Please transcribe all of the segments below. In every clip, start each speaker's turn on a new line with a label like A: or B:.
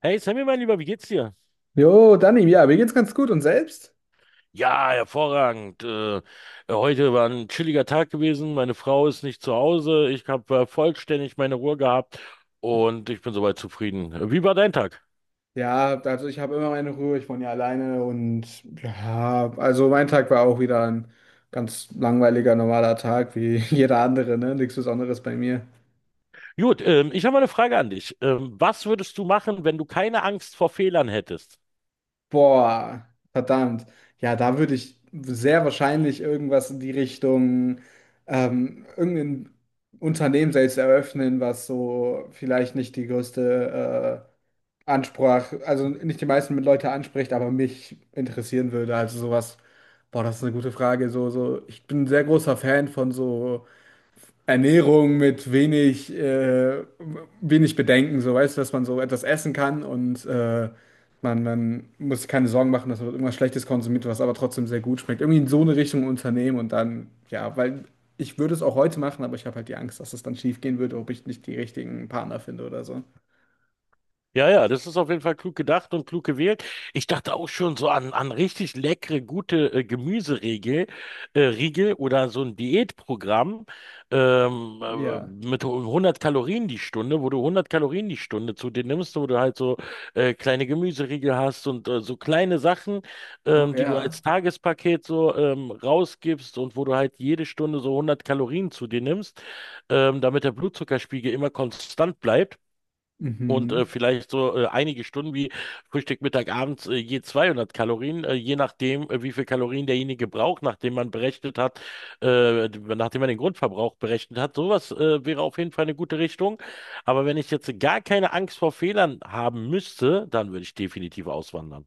A: Hey Sammy, mein Lieber, wie geht's dir?
B: Jo, Dani, ja, mir geht's ganz gut und selbst?
A: Ja, hervorragend. Heute war ein chilliger Tag gewesen. Meine Frau ist nicht zu Hause. Ich habe vollständig meine Ruhe gehabt und ich bin soweit zufrieden. Wie war dein Tag?
B: Ja, also ich habe immer meine Ruhe, ich wohne ja alleine und ja, also mein Tag war auch wieder ein ganz langweiliger, normaler Tag wie jeder andere, ne? Nichts Besonderes bei mir.
A: Gut, ich habe mal eine Frage an dich. Was würdest du machen, wenn du keine Angst vor Fehlern hättest?
B: Boah, verdammt. Ja, da würde ich sehr wahrscheinlich irgendwas in die Richtung, irgendein Unternehmen selbst eröffnen, was so vielleicht nicht die größte Ansprach, also nicht die meisten Leute anspricht, aber mich interessieren würde. Also sowas, boah, das ist eine gute Frage. So, so, ich bin ein sehr großer Fan von so. Ernährung mit wenig, wenig Bedenken, so weißt du, dass man so etwas essen kann und man muss sich keine Sorgen machen, dass man irgendwas Schlechtes konsumiert, was aber trotzdem sehr gut schmeckt. Irgendwie in so eine Richtung Unternehmen und dann, ja, weil ich würde es auch heute machen, aber ich habe halt die Angst, dass es dann schief gehen würde, ob ich nicht die richtigen Partner finde oder so.
A: Ja, ja, das ist auf jeden Fall klug gedacht und klug gewählt. Ich dachte auch schon so an richtig leckere, gute Gemüseriegel, Riegel oder so ein Diätprogramm ähm, äh,
B: Ja.
A: mit 100 Kalorien die Stunde, wo du 100 Kalorien die Stunde zu dir nimmst, wo du halt so kleine Gemüseriegel hast und so kleine Sachen,
B: Oh
A: die du als
B: ja.
A: Tagespaket so rausgibst und wo du halt jede Stunde so 100 Kalorien zu dir nimmst, damit der Blutzuckerspiegel immer konstant bleibt. Und
B: Mhm.
A: vielleicht so einige Stunden wie Frühstück, Mittag, Abends je 200 Kalorien, je nachdem, wie viel Kalorien derjenige braucht, nachdem man berechnet hat, nachdem man den Grundverbrauch berechnet hat. Sowas wäre auf jeden Fall eine gute Richtung. Aber wenn ich jetzt gar keine Angst vor Fehlern haben müsste, dann würde ich definitiv auswandern.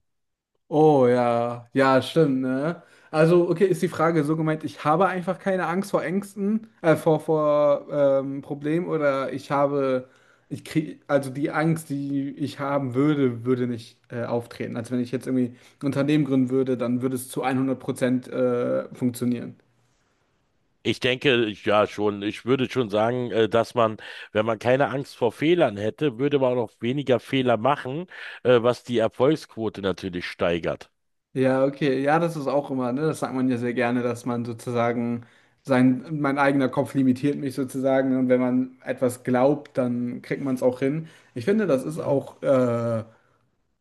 B: Oh ja, ja, stimmt, ne? Also, okay, ist die Frage so gemeint, ich habe einfach keine Angst vor Ängsten, vor, vor Problemen oder ich habe, ich krieg, also die Angst, die ich haben würde, würde nicht auftreten. Als wenn ich jetzt irgendwie ein Unternehmen gründen würde, dann würde es zu 100% funktionieren.
A: Ich denke, ja schon, ich würde schon sagen, dass man, wenn man keine Angst vor Fehlern hätte, würde man auch weniger Fehler machen, was die Erfolgsquote natürlich steigert.
B: Ja, okay. Ja, das ist auch immer, ne? Das sagt man ja sehr gerne, dass man sozusagen sein, mein eigener Kopf limitiert mich sozusagen. Und wenn man etwas glaubt, dann kriegt man es auch hin. Ich finde, das ist Mhm. auch in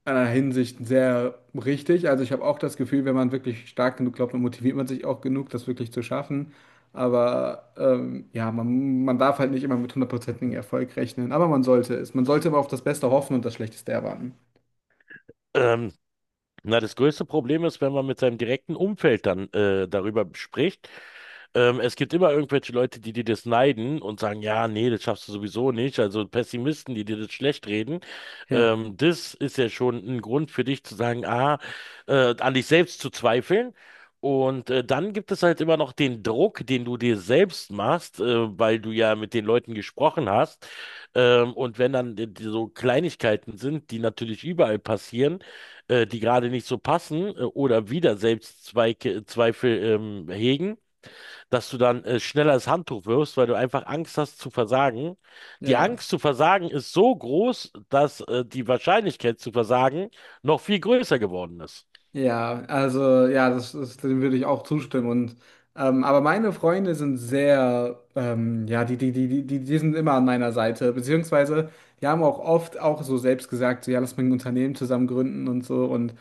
B: einer Hinsicht sehr richtig. Also ich habe auch das Gefühl, wenn man wirklich stark genug glaubt, dann motiviert man sich auch genug, das wirklich zu schaffen. Aber ja, man darf halt nicht immer mit hundertprozentigem Erfolg rechnen. Aber man sollte es. Man sollte aber auf das Beste hoffen und das Schlechteste erwarten.
A: Ähm, Na, das größte Problem ist, wenn man mit seinem direkten Umfeld dann darüber spricht. Es gibt immer irgendwelche Leute, die dir das neiden und sagen, ja, nee, das schaffst du sowieso nicht. Also Pessimisten, die dir das schlecht reden.
B: Ja.
A: Das ist ja schon ein Grund für dich zu sagen, an dich selbst zu zweifeln. Und dann gibt es halt immer noch den Druck, den du dir selbst machst, weil du ja mit den Leuten gesprochen hast. Und wenn dann die so Kleinigkeiten sind, die natürlich überall passieren, die gerade nicht so passen oder wieder Selbstzweifel hegen, dass du dann schneller das Handtuch wirfst, weil du einfach Angst hast zu versagen. Die
B: Ja.
A: Angst zu versagen ist so groß, dass die Wahrscheinlichkeit zu versagen noch viel größer geworden ist.
B: Ja, also ja, dem würde ich auch zustimmen. Und aber meine Freunde sind sehr, ja, die sind immer an meiner Seite, beziehungsweise die haben auch oft auch so selbst gesagt, so ja, lass mal ein Unternehmen zusammen gründen und so. Und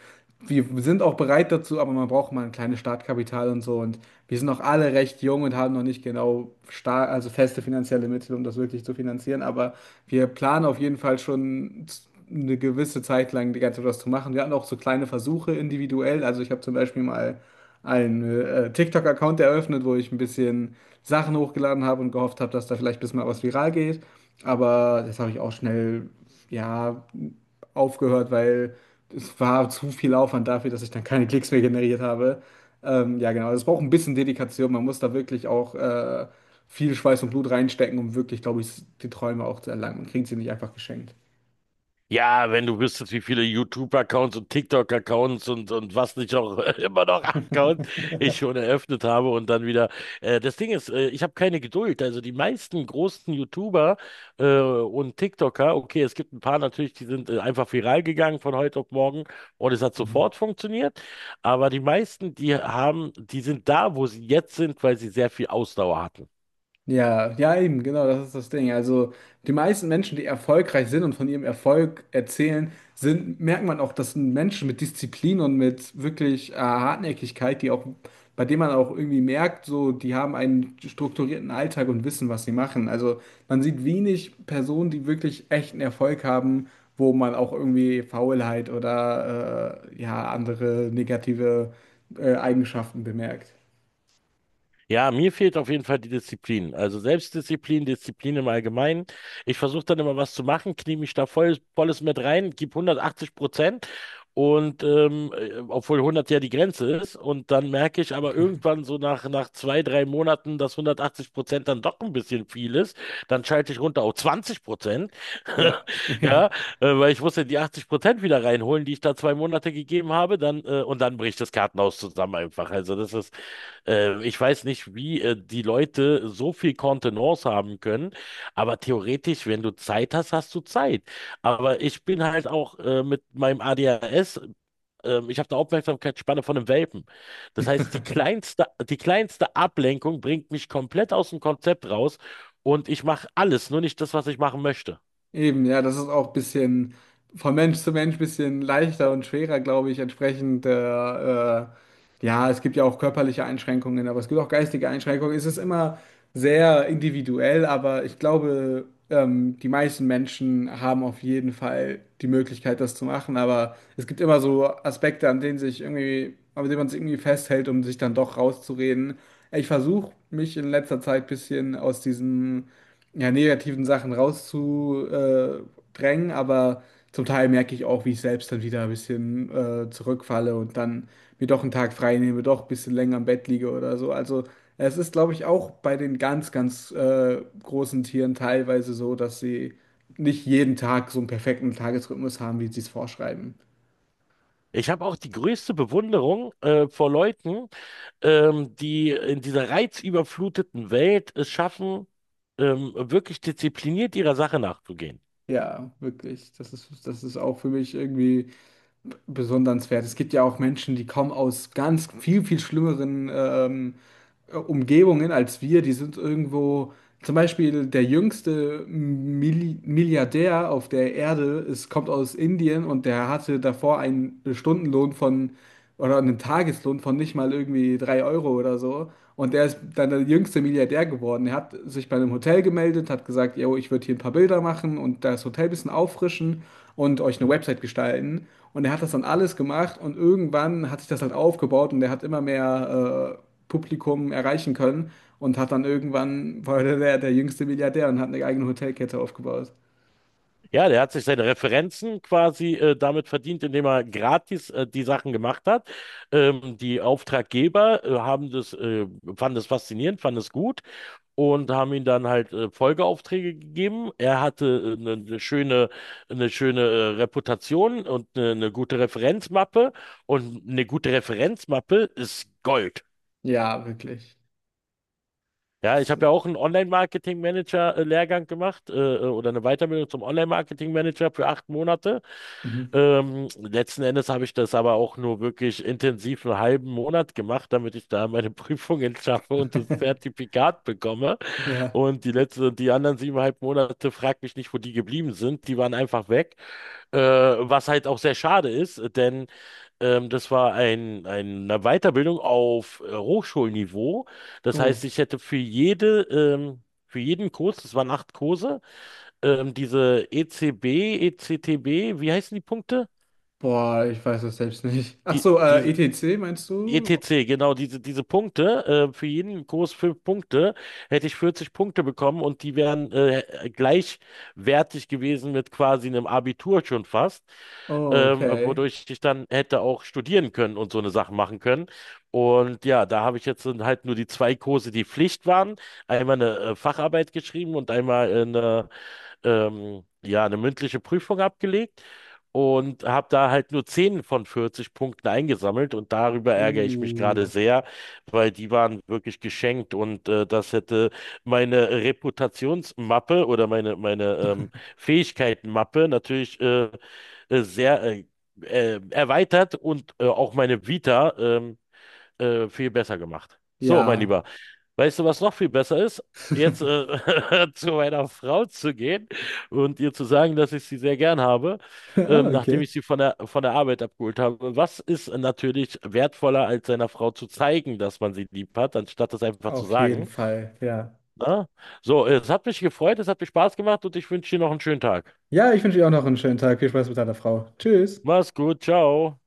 B: wir sind auch bereit dazu, aber man braucht mal ein kleines Startkapital und so. Und wir sind auch alle recht jung und haben noch nicht genau star also feste finanzielle Mittel, um das wirklich zu finanzieren. Aber wir planen auf jeden Fall schon eine gewisse Zeit lang die ganze Zeit was zu machen. Wir hatten auch so kleine Versuche individuell. Also ich habe zum Beispiel mal einen TikTok-Account eröffnet, wo ich ein bisschen Sachen hochgeladen habe und gehofft habe, dass da vielleicht ein bisschen mal was viral geht. Aber das habe ich auch schnell, ja, aufgehört, weil es war zu viel Aufwand dafür, dass ich dann keine Klicks mehr generiert habe. Ja, genau. Also es braucht ein bisschen Dedikation. Man muss da wirklich auch viel Schweiß und Blut reinstecken, um wirklich, glaube ich, die Träume auch zu erlangen. Man kriegt sie nicht einfach geschenkt.
A: Ja, wenn du wüsstest, wie viele YouTube-Accounts und TikTok-Accounts und was nicht auch immer noch Accounts ich schon eröffnet habe und dann wieder. Das Ding ist, ich habe keine Geduld. Also die meisten großen YouTuber und TikToker, okay, es gibt ein paar natürlich, die sind einfach viral gegangen von heute auf morgen und es hat
B: Mhm.
A: sofort funktioniert. Aber die meisten, die sind da, wo sie jetzt sind, weil sie sehr viel Ausdauer hatten.
B: Ja, ja, eben, genau, das ist das Ding. Also, die meisten Menschen, die erfolgreich sind und von ihrem Erfolg erzählen, sind, merkt man auch, das sind Menschen mit Disziplin und mit wirklich Hartnäckigkeit, die auch, bei denen man auch irgendwie merkt, so, die haben einen strukturierten Alltag und wissen, was sie machen. Also, man sieht wenig Personen, die wirklich echten Erfolg haben, wo man auch irgendwie Faulheit oder ja, andere negative Eigenschaften bemerkt.
A: Ja, mir fehlt auf jeden Fall die Disziplin. Also Selbstdisziplin, Disziplin im Allgemeinen. Ich versuche dann immer was zu machen, knie mich da volles mit rein, gib 180%. Und obwohl 100 ja die Grenze ist. Und dann merke ich aber irgendwann so nach zwei, drei Monaten, dass 180% dann doch ein bisschen viel ist. Dann schalte ich runter auf 20%.
B: Ja, ja.
A: Ja, weil ich muss ja die 80% wieder reinholen, die ich da 2 Monate gegeben habe. Und dann bricht das Kartenhaus zusammen einfach. Also das ist ich weiß nicht, wie die Leute so viel Kontenance haben können, aber theoretisch, wenn du Zeit hast, hast du Zeit. Aber ich bin halt auch mit meinem ADHS, ich habe eine Aufmerksamkeitsspanne von einem Welpen. Das heißt, die kleinste Ablenkung bringt mich komplett aus dem Konzept raus und ich mache alles, nur nicht das, was ich machen möchte.
B: Eben, ja, das ist auch ein bisschen von Mensch zu Mensch ein bisschen leichter und schwerer, glaube ich, entsprechend. Ja, es gibt ja auch körperliche Einschränkungen, aber es gibt auch geistige Einschränkungen. Es ist immer sehr individuell, aber ich glaube, die meisten Menschen haben auf jeden Fall die Möglichkeit, das zu machen. Aber es gibt immer so Aspekte, an denen sich irgendwie, an denen man sich irgendwie festhält, um sich dann doch rauszureden. Ich versuche mich in letzter Zeit ein bisschen aus diesem ja, negativen Sachen rauszudrängen, aber zum Teil merke ich auch, wie ich selbst dann wieder ein bisschen zurückfalle und dann mir doch einen Tag frei nehme, doch ein bisschen länger im Bett liege oder so. Also es ist, glaube ich, auch bei den ganz, ganz großen Tieren teilweise so, dass sie nicht jeden Tag so einen perfekten Tagesrhythmus haben, wie sie es vorschreiben.
A: Ich habe auch die größte Bewunderung vor Leuten, die in dieser reizüberfluteten Welt es schaffen, wirklich diszipliniert ihrer Sache nachzugehen.
B: Ja, wirklich. Das ist auch für mich irgendwie besondernswert. Es gibt ja auch Menschen, die kommen aus ganz viel, viel schlimmeren Umgebungen als wir, die sind irgendwo, zum Beispiel der jüngste Milliardär auf der Erde, es kommt aus Indien und der hatte davor einen Stundenlohn von oder einen Tageslohn von nicht mal irgendwie 3 Euro oder so. Und der ist dann der jüngste Milliardär geworden. Er hat sich bei einem Hotel gemeldet, hat gesagt, yo, ich würde hier ein paar Bilder machen und das Hotel ein bisschen auffrischen und euch eine Website gestalten. Und er hat das dann alles gemacht und irgendwann hat sich das halt aufgebaut und er hat immer mehr Publikum erreichen können und hat dann irgendwann, war jüngste Milliardär und hat eine eigene Hotelkette aufgebaut.
A: Ja, der hat sich seine Referenzen quasi damit verdient, indem er gratis die Sachen gemacht hat. Die Auftraggeber haben fanden das faszinierend, fanden es gut und haben ihm dann halt Folgeaufträge gegeben. Er hatte eine schöne Reputation und eine gute Referenzmappe. Und eine gute Referenzmappe ist Gold.
B: Ja, wirklich.
A: Ja, ich
B: Das,
A: habe ja auch einen Online-Marketing-Manager-Lehrgang gemacht oder eine Weiterbildung zum Online-Marketing-Manager für 8 Monate.
B: mhm.
A: Letzten Endes habe ich das aber auch nur wirklich intensiv einen halben Monat gemacht, damit ich da meine Prüfungen schaffe und das Zertifikat bekomme.
B: Ja.
A: Und die anderen 7,5 Monate, frag mich nicht, wo die geblieben sind. Die waren einfach weg. Was halt auch sehr schade ist, denn ähm, das war ein, eine Weiterbildung auf Hochschulniveau. Das
B: Oh.
A: heißt, ich hätte für für jeden Kurs, das waren 8 Kurse, diese ECB, ECTB, wie heißen die Punkte?
B: Boah, ich weiß das selbst nicht. Ach
A: Die,
B: so,
A: die
B: ETC meinst du?
A: ETC, genau, diese Punkte, für jeden Kurs 5 Punkte, hätte ich 40 Punkte bekommen und die wären gleichwertig gewesen mit quasi einem Abitur schon fast,
B: Oh, okay.
A: wodurch ich dann hätte auch studieren können und so eine Sache machen können. Und ja, da habe ich jetzt dann halt nur die zwei Kurse, die Pflicht waren, einmal eine Facharbeit geschrieben und einmal eine ja, eine mündliche Prüfung abgelegt und habe da halt nur 10 von 40 Punkten eingesammelt und darüber ärgere ich mich gerade
B: Uh.
A: sehr, weil die waren wirklich geschenkt und das hätte meine Reputationsmappe oder meine Fähigkeitenmappe natürlich sehr erweitert und auch meine Vita viel besser gemacht. So, mein
B: Ja.
A: Lieber. Weißt du, was noch viel besser ist? Jetzt zu meiner Frau zu gehen und ihr zu sagen, dass ich sie sehr gern habe,
B: Ah,
A: nachdem
B: okay.
A: ich sie von von der Arbeit abgeholt habe. Was ist natürlich wertvoller, als seiner Frau zu zeigen, dass man sie lieb hat, anstatt das einfach zu
B: Auf jeden
A: sagen?
B: Fall, ja.
A: Na? So, es hat mich gefreut, es hat mir Spaß gemacht und ich wünsche dir noch einen schönen Tag.
B: Ja, ich wünsche dir auch noch einen schönen Tag. Viel Spaß mit deiner Frau. Tschüss.
A: Mach's gut, ciao.